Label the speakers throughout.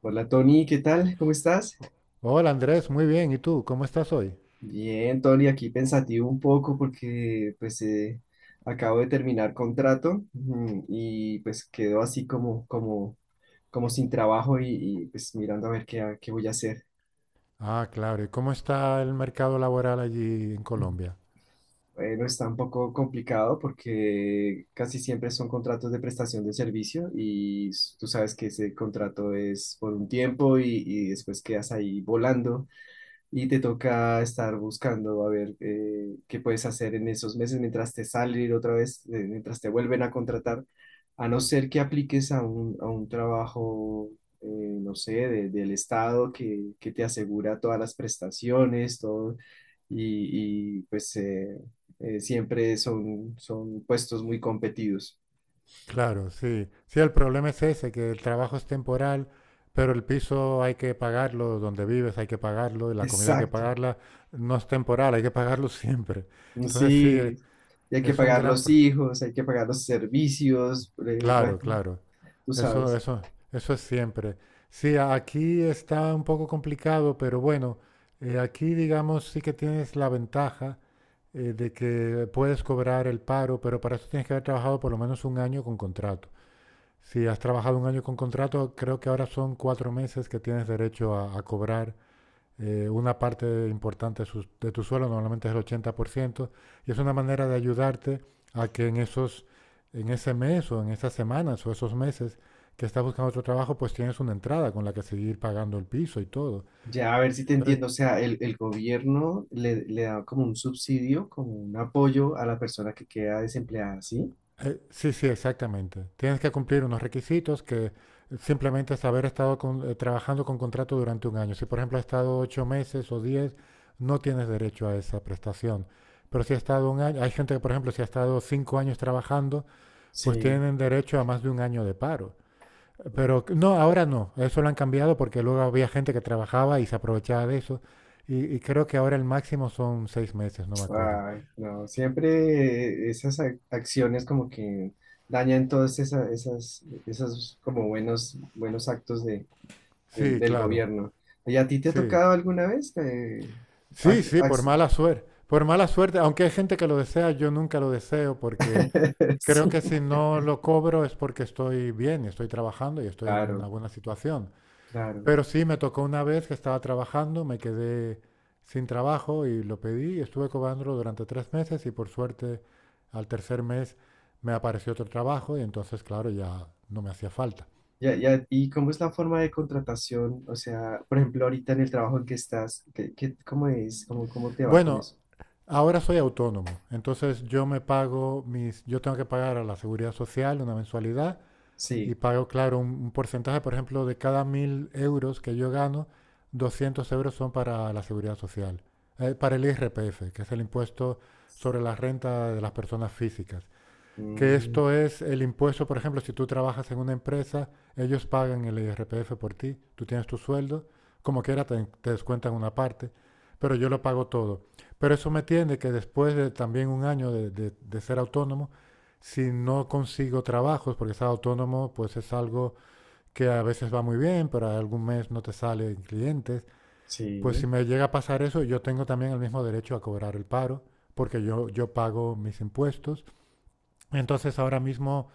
Speaker 1: Hola Tony, ¿qué tal? ¿Cómo estás?
Speaker 2: O- Hola Andrés, muy bien. ¿Y tú? ¿Cómo estás hoy?
Speaker 1: Bien, Tony, aquí pensativo un poco porque pues acabo de terminar contrato, ujú, y pues quedo así como sin trabajo y, pues mirando a ver qué voy a hacer.
Speaker 2: Ah, claro. ¿Y cómo está el mercado laboral allí en
Speaker 1: Mm.
Speaker 2: Colombia?
Speaker 1: Bueno, está un poco complicado porque casi siempre son contratos de prestación de servicio y tú sabes que ese contrato es por un tiempo y después quedas ahí volando y te toca estar buscando a ver qué puedes hacer en esos meses mientras te salen otra vez, mientras te vuelven a contratar, a no ser que apliques a un trabajo, eh, no sé, del Estado que te asegura todas las prestaciones, todo, y, pues siempre son puestos muy competidos.
Speaker 2: Claro, sí. Sí, el problema es ese, que el trabajo es temporal, pero el piso hay que pagarlo, donde vives hay que pagarlo, y la comida hay que
Speaker 1: Exacto,
Speaker 2: pagarla. No es temporal, hay que pagarlo siempre. Entonces sí, e-
Speaker 1: sí. Y hay que
Speaker 2: es un
Speaker 1: pagar
Speaker 2: gran...
Speaker 1: los
Speaker 2: pro-
Speaker 1: hijos, hay que pagar los servicios, bueno,
Speaker 2: Claro, claro.
Speaker 1: tú
Speaker 2: Eso,
Speaker 1: sabes.
Speaker 2: eso, eso es siempre. Sí, a- aquí está un poco complicado, pero bueno, aquí digamos sí que tienes la ventaja de que puedes cobrar el paro, pero para eso tienes que haber trabajado por lo menos un año con contrato. Si has trabajado un año con contrato, creo que ahora son cuatro meses que tienes derecho a cobrar una parte importante de, su, de, tu suelo, normalmente es el 80% y es una manera de ayudarte a que en, esos, en ese mes o en esas semanas o esos meses que estás buscando otro trabajo, pues tienes una entrada con la que seguir pagando el piso y todo.
Speaker 1: Ya, a ver si te
Speaker 2: Entonces,
Speaker 1: entiendo. O sea, el gobierno le da como un subsidio, como un apoyo a la persona que queda desempleada, ¿sí?
Speaker 2: sí, sí, exactamente. Tienes que cumplir unos requisitos que simplemente es haber estado con, trabajando con contrato durante un año. Si, por ejemplo, has estado ocho meses o diez, no tienes derecho a esa prestación. Pero si has estado un año, hay gente que, por ejemplo, si ha estado cinco años trabajando, pues
Speaker 1: Sí.
Speaker 2: tienen derecho a más de un año de paro. Pero no, ahora no, eso lo han cambiado porque luego había gente que trabajaba y se aprovechaba de eso. Y creo que ahora el máximo son seis meses, no me acuerdo.
Speaker 1: Ay, no, siempre esas acciones como que dañan todas esas, buenos actos de,
Speaker 2: Sí,
Speaker 1: del
Speaker 2: claro,
Speaker 1: gobierno. ¿Y a ti te ha
Speaker 2: sí.
Speaker 1: tocado alguna vez?
Speaker 2: Sí,
Speaker 1: Ac-
Speaker 2: sí, por
Speaker 1: ac-
Speaker 2: mala suerte. Por mala suerte, aunque hay gente que lo desea, yo nunca lo deseo porque creo
Speaker 1: sí,
Speaker 2: que si no lo cobro es porque estoy bien, estoy trabajando y estoy en una
Speaker 1: claro,
Speaker 2: buena situación.
Speaker 1: claro.
Speaker 2: Pero sí, me tocó una vez que estaba trabajando, me quedé sin trabajo y lo pedí y estuve cobrándolo durante tres meses y por suerte al tercer mes me apareció otro trabajo y entonces, claro, ya no me hacía falta.
Speaker 1: Ya, ya, ¿y cómo es la forma de contratación? O sea, por ejemplo, ahorita en el trabajo en que estás, cómo es? ¿Cómo, cómo te va con
Speaker 2: Bueno,
Speaker 1: eso?
Speaker 2: ahora soy autónomo, entonces yo me pago mis, yo tengo que pagar a la seguridad social una mensualidad y
Speaker 1: Sí,
Speaker 2: pago, claro, un porcentaje, por ejemplo, de cada 1.000 euros que yo gano, 200 euros son para la seguridad social, para el IRPF, que es el impuesto sobre la renta de las personas físicas. Que
Speaker 1: mm,
Speaker 2: esto es el impuesto, por ejemplo, si tú trabajas en una empresa, ellos pagan el IRPF por ti, tú tienes tu sueldo, como quiera te, te descuentan una parte, pero yo lo pago todo. Pero eso me tiende que después de también un año de, de ser autónomo, si no consigo trabajos, porque ser autónomo pues es algo que a veces va muy bien, pero algún mes no te salen clientes, pues si
Speaker 1: sí,
Speaker 2: me llega a pasar eso, yo tengo también el mismo derecho a cobrar el paro, porque yo pago mis impuestos entonces ahora mismo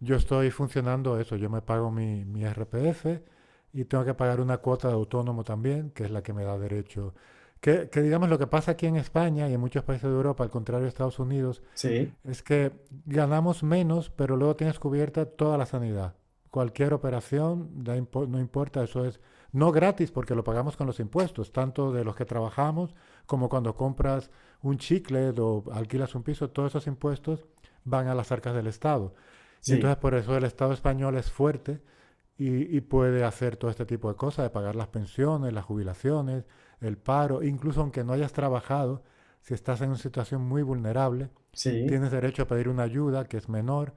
Speaker 2: yo estoy funcionando eso, yo me pago mi, mi RPF y tengo que pagar una cuota de autónomo también, que es la que me da derecho. Que digamos lo que pasa aquí en España y en muchos países de Europa, al contrario de Estados Unidos,
Speaker 1: sí,
Speaker 2: es que ganamos menos, pero luego tienes cubierta toda la sanidad. Cualquier operación, da impo- no importa, eso es no gratis porque lo pagamos con los impuestos, tanto de los que trabajamos como cuando compras un chicle o alquilas un piso, todos esos impuestos van a las arcas del Estado. Y
Speaker 1: sí,
Speaker 2: entonces por eso el Estado español es fuerte y puede hacer todo este tipo de cosas, de pagar las pensiones, las jubilaciones, el paro, incluso aunque no hayas trabajado, si estás en una situación muy vulnerable,
Speaker 1: sí,
Speaker 2: tienes derecho a pedir una ayuda que es menor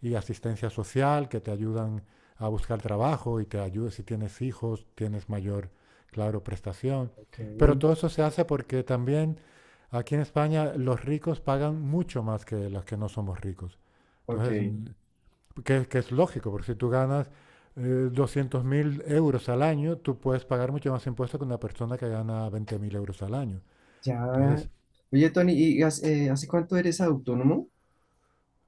Speaker 2: y asistencia social que te ayudan a buscar trabajo y te ayuda si tienes hijos, tienes mayor, claro, prestación.
Speaker 1: ok,
Speaker 2: Pero todo eso se hace porque también aquí en España los ricos pagan mucho más que los que no somos ricos.
Speaker 1: ok.
Speaker 2: Entonces, que es lógico, porque si tú ganas 200.000 euros al año, tú puedes pagar mucho más impuestos que una persona que gana 20.000 euros al año.
Speaker 1: Ya.
Speaker 2: Entonces,
Speaker 1: Oye, Tony, ¿hace cuánto eres autónomo?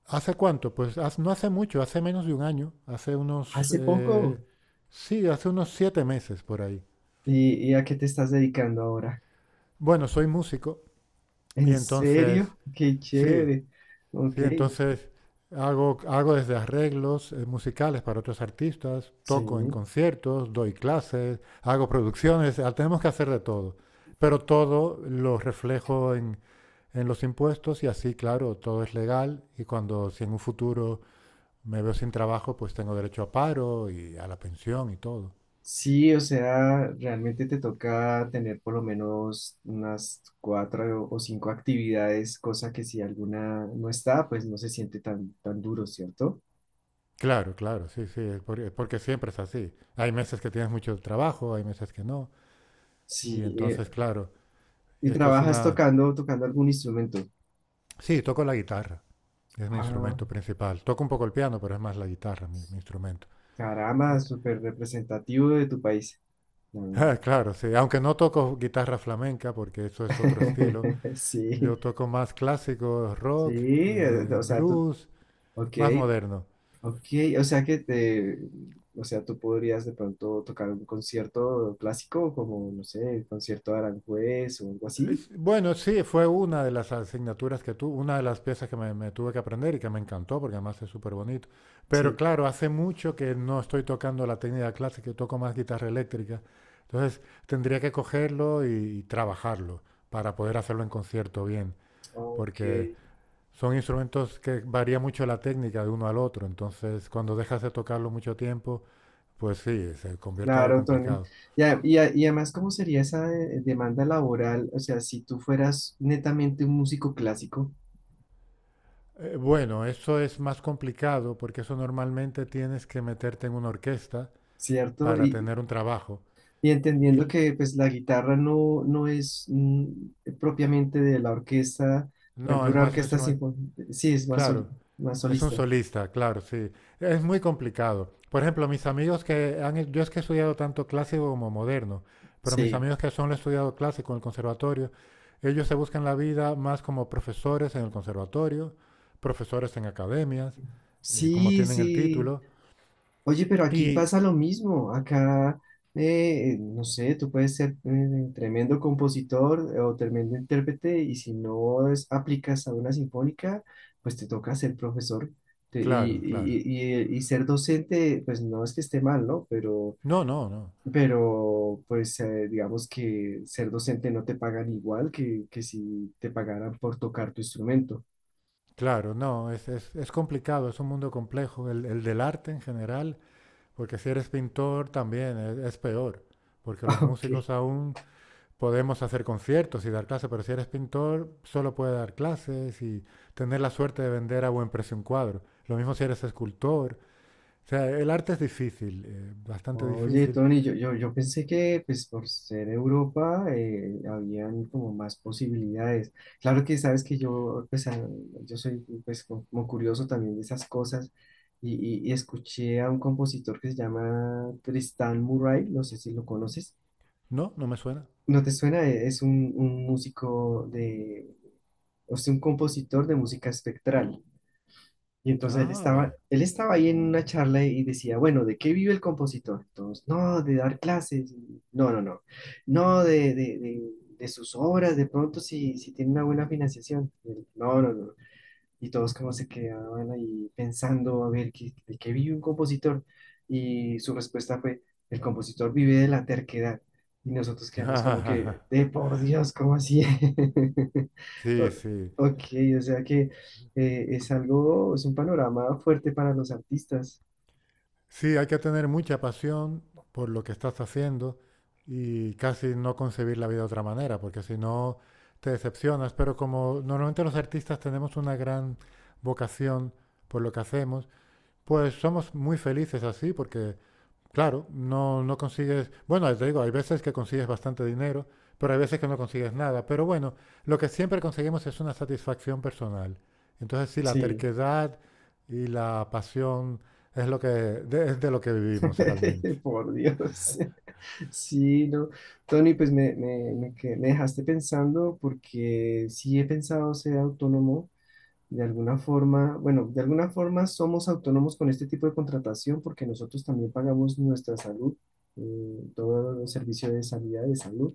Speaker 2: ¿hace cuánto? Pues haz- no hace mucho, hace menos de un año, hace unos,
Speaker 1: Hace poco.
Speaker 2: sí, hace unos siete meses por ahí.
Speaker 1: Y a qué te estás dedicando ahora?
Speaker 2: Bueno, soy músico y
Speaker 1: ¿En
Speaker 2: entonces,
Speaker 1: serio? Qué
Speaker 2: sí,
Speaker 1: chévere.
Speaker 2: sí,
Speaker 1: Ok,
Speaker 2: entonces hago, hago desde arreglos musicales para otros artistas, toco en
Speaker 1: sí.
Speaker 2: conciertos, doy clases, hago producciones, ah, tenemos que hacer de todo. Pero todo lo reflejo en los impuestos y así, claro, todo es legal y cuando, si en un futuro me veo sin trabajo, pues tengo derecho a paro y a la pensión y todo.
Speaker 1: Sí, o sea, realmente te toca tener por lo menos unas cuatro o cinco actividades, cosa que si alguna no está, pues no se siente tan duro, ¿cierto?
Speaker 2: Claro, claro, sí, sí, es por- es porque siempre es así. Hay meses que tienes mucho trabajo, hay meses que no. Y
Speaker 1: Sí,
Speaker 2: entonces, claro,
Speaker 1: y
Speaker 2: esto es
Speaker 1: trabajas
Speaker 2: una...
Speaker 1: tocando, tocando algún instrumento.
Speaker 2: Sí, toco la guitarra, es mi
Speaker 1: Ah,
Speaker 2: instrumento principal. Toco un poco el piano, pero es más la guitarra mi, mi instrumento.
Speaker 1: caramba,
Speaker 2: Eh,
Speaker 1: súper representativo de tu país. Mm.
Speaker 2: ah, claro, sí, aunque no toco guitarra flamenca, porque eso es otro estilo. Yo
Speaker 1: Sí,
Speaker 2: toco más clásico,
Speaker 1: sí,
Speaker 2: rock, blues,
Speaker 1: ok.
Speaker 2: más moderno.
Speaker 1: Ok, o sea que o sea, tú podrías de pronto tocar un concierto clásico como, no sé, el concierto de Aranjuez o algo así.
Speaker 2: Es- Bueno, sí, fue una de las asignaturas que tuve, una de las piezas que me tuve que aprender y que me encantó porque además es súper bonito. Pero
Speaker 1: Sí.
Speaker 2: claro, hace mucho que no estoy tocando la técnica clásica, yo toco más guitarra eléctrica. Entonces tendría que cogerlo y trabajarlo para poder hacerlo en concierto bien,
Speaker 1: Ok,
Speaker 2: porque son instrumentos que varía mucho la técnica de uno al otro. Entonces, cuando dejas de tocarlo mucho tiempo, pues sí, se convierte en algo
Speaker 1: claro, Tony.
Speaker 2: complicado.
Speaker 1: Ya, y además, ¿cómo sería esa demanda laboral? O sea, si tú fueras netamente un músico clásico,
Speaker 2: Bueno, eso es más complicado porque eso normalmente tienes que meterte en una orquesta
Speaker 1: ¿cierto?
Speaker 2: para tener un trabajo.
Speaker 1: Y entendiendo
Speaker 2: Y
Speaker 1: que pues la guitarra no es mm, propiamente de la orquesta, por
Speaker 2: no,
Speaker 1: ejemplo,
Speaker 2: es
Speaker 1: una
Speaker 2: más un
Speaker 1: orquesta
Speaker 2: instrumento.
Speaker 1: sinfónica, sí, es más,
Speaker 2: Claro,
Speaker 1: más
Speaker 2: es un
Speaker 1: solista.
Speaker 2: solista, claro, sí. Es muy complicado. Por ejemplo, mis amigos que han, yo es que he estudiado tanto clásico como moderno, pero mis
Speaker 1: Sí.
Speaker 2: amigos que solo han estudiado clásico en el conservatorio, ellos se buscan la vida más como profesores en el conservatorio, profesores en academias, como
Speaker 1: Sí,
Speaker 2: tienen el
Speaker 1: sí.
Speaker 2: título.
Speaker 1: Oye, pero aquí
Speaker 2: Y
Speaker 1: pasa lo mismo. Acá, no sé, tú puedes ser tremendo compositor o tremendo intérprete y si no aplicas a una sinfónica, pues te toca ser profesor te- y,
Speaker 2: claro,
Speaker 1: y-
Speaker 2: claro.
Speaker 1: y- y- y ser docente, pues no es que esté mal, ¿no? Pero,
Speaker 2: No, no, no.
Speaker 1: pero pues digamos que ser docente no te pagan igual que si te pagaran por tocar tu instrumento.
Speaker 2: Claro, no, es complicado, es un mundo complejo, el del arte en general, porque si eres pintor también es peor, porque los
Speaker 1: Ok.
Speaker 2: músicos aún podemos hacer conciertos y dar clases, pero si eres pintor solo puedes dar clases y tener la suerte de vender a buen precio un cuadro. Lo mismo si eres escultor. O sea, el arte es difícil, bastante
Speaker 1: Oye,
Speaker 2: difícil.
Speaker 1: Tony, yo pensé que pues por ser Europa habían como más posibilidades. Claro que sabes que yo pues yo soy pues como curioso también de esas cosas y, y y escuché a un compositor que se llama Tristan Murray, no sé si lo conoces.
Speaker 2: No, no me suena.
Speaker 1: ¿No te suena? Es un músico de, o sea, un compositor de música espectral. Y entonces
Speaker 2: Ah, vaya.
Speaker 1: él estaba ahí en una charla y decía, bueno, ¿de qué vive el compositor? Entonces, no, de dar clases, no, de sus obras, de pronto si tiene una buena financiación. Y él, no, no, no, y todos como se quedaban ahí pensando a ver ¿de qué vive un compositor y su respuesta fue, el compositor vive de la terquedad y nosotros quedamos como que, de por Dios, ¿cómo así?
Speaker 2: Sí,
Speaker 1: O-
Speaker 2: sí.
Speaker 1: ok, o sea que es algo, es un panorama fuerte para los artistas.
Speaker 2: Sí, hay que tener mucha pasión por lo que estás haciendo y casi no concebir la vida de otra manera, porque si no te decepcionas. Pero como normalmente los artistas tenemos una gran vocación por lo que hacemos, pues somos muy felices así, porque claro, no, no consigues, bueno, te digo, hay veces que consigues bastante dinero, pero hay veces que no consigues nada. Pero bueno, lo que siempre conseguimos es una satisfacción personal. Entonces, sí, la
Speaker 1: Sí,
Speaker 2: terquedad y la pasión es lo que de, es de lo que vivimos realmente.
Speaker 1: por Dios. Sí, no. Tony, pues me dejaste pensando porque sí he pensado ser autónomo. De alguna forma, bueno, de alguna forma somos autónomos con este tipo de contratación porque nosotros también pagamos nuestra salud, eh, todo el servicio de salud.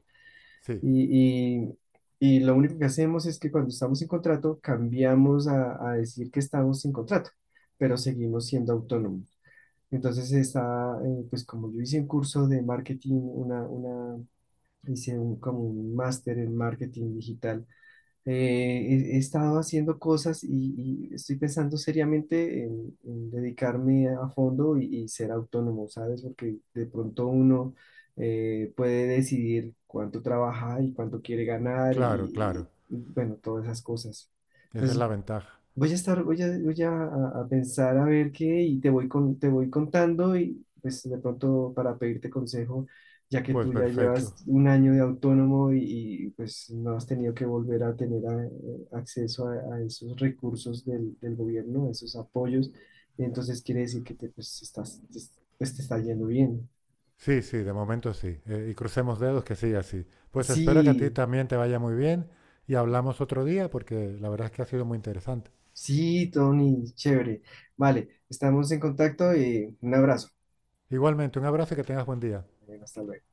Speaker 2: Sí,
Speaker 1: Y, y- y lo único que hacemos es que cuando estamos sin contrato, cambiamos a decir que estamos sin contrato, pero seguimos siendo autónomos. Entonces está, pues como yo hice un curso de marketing, hice un, como un máster en marketing digital, eh, he estado haciendo cosas y estoy pensando seriamente en dedicarme a fondo y ser autónomo, ¿sabes? Porque de pronto uno puede decidir cuánto trabaja y cuánto quiere ganar
Speaker 2: claro,
Speaker 1: y,
Speaker 2: claro.
Speaker 1: y, bueno, todas esas cosas.
Speaker 2: Esa es
Speaker 1: Entonces,
Speaker 2: la ventaja.
Speaker 1: voy a pensar a ver qué y te voy te voy contando y pues de pronto para pedirte consejo, ya que
Speaker 2: Pues
Speaker 1: tú ya llevas
Speaker 2: perfecto.
Speaker 1: un año de autónomo y, pues no has tenido que volver a tener acceso a esos recursos del gobierno, a esos apoyos, entonces quiere decir que te, pues, estás, te- pues, te está yendo bien.
Speaker 2: Sí, sí, de momento sí. Y crucemos dedos que siga así. Pues espero que a ti
Speaker 1: Sí,
Speaker 2: también te vaya muy bien y hablamos otro día porque la verdad es que ha sido muy interesante.
Speaker 1: sí, Tony, chévere. Vale, estamos en contacto y un abrazo.
Speaker 2: Igualmente, un abrazo y que tengas buen día.
Speaker 1: Hasta luego.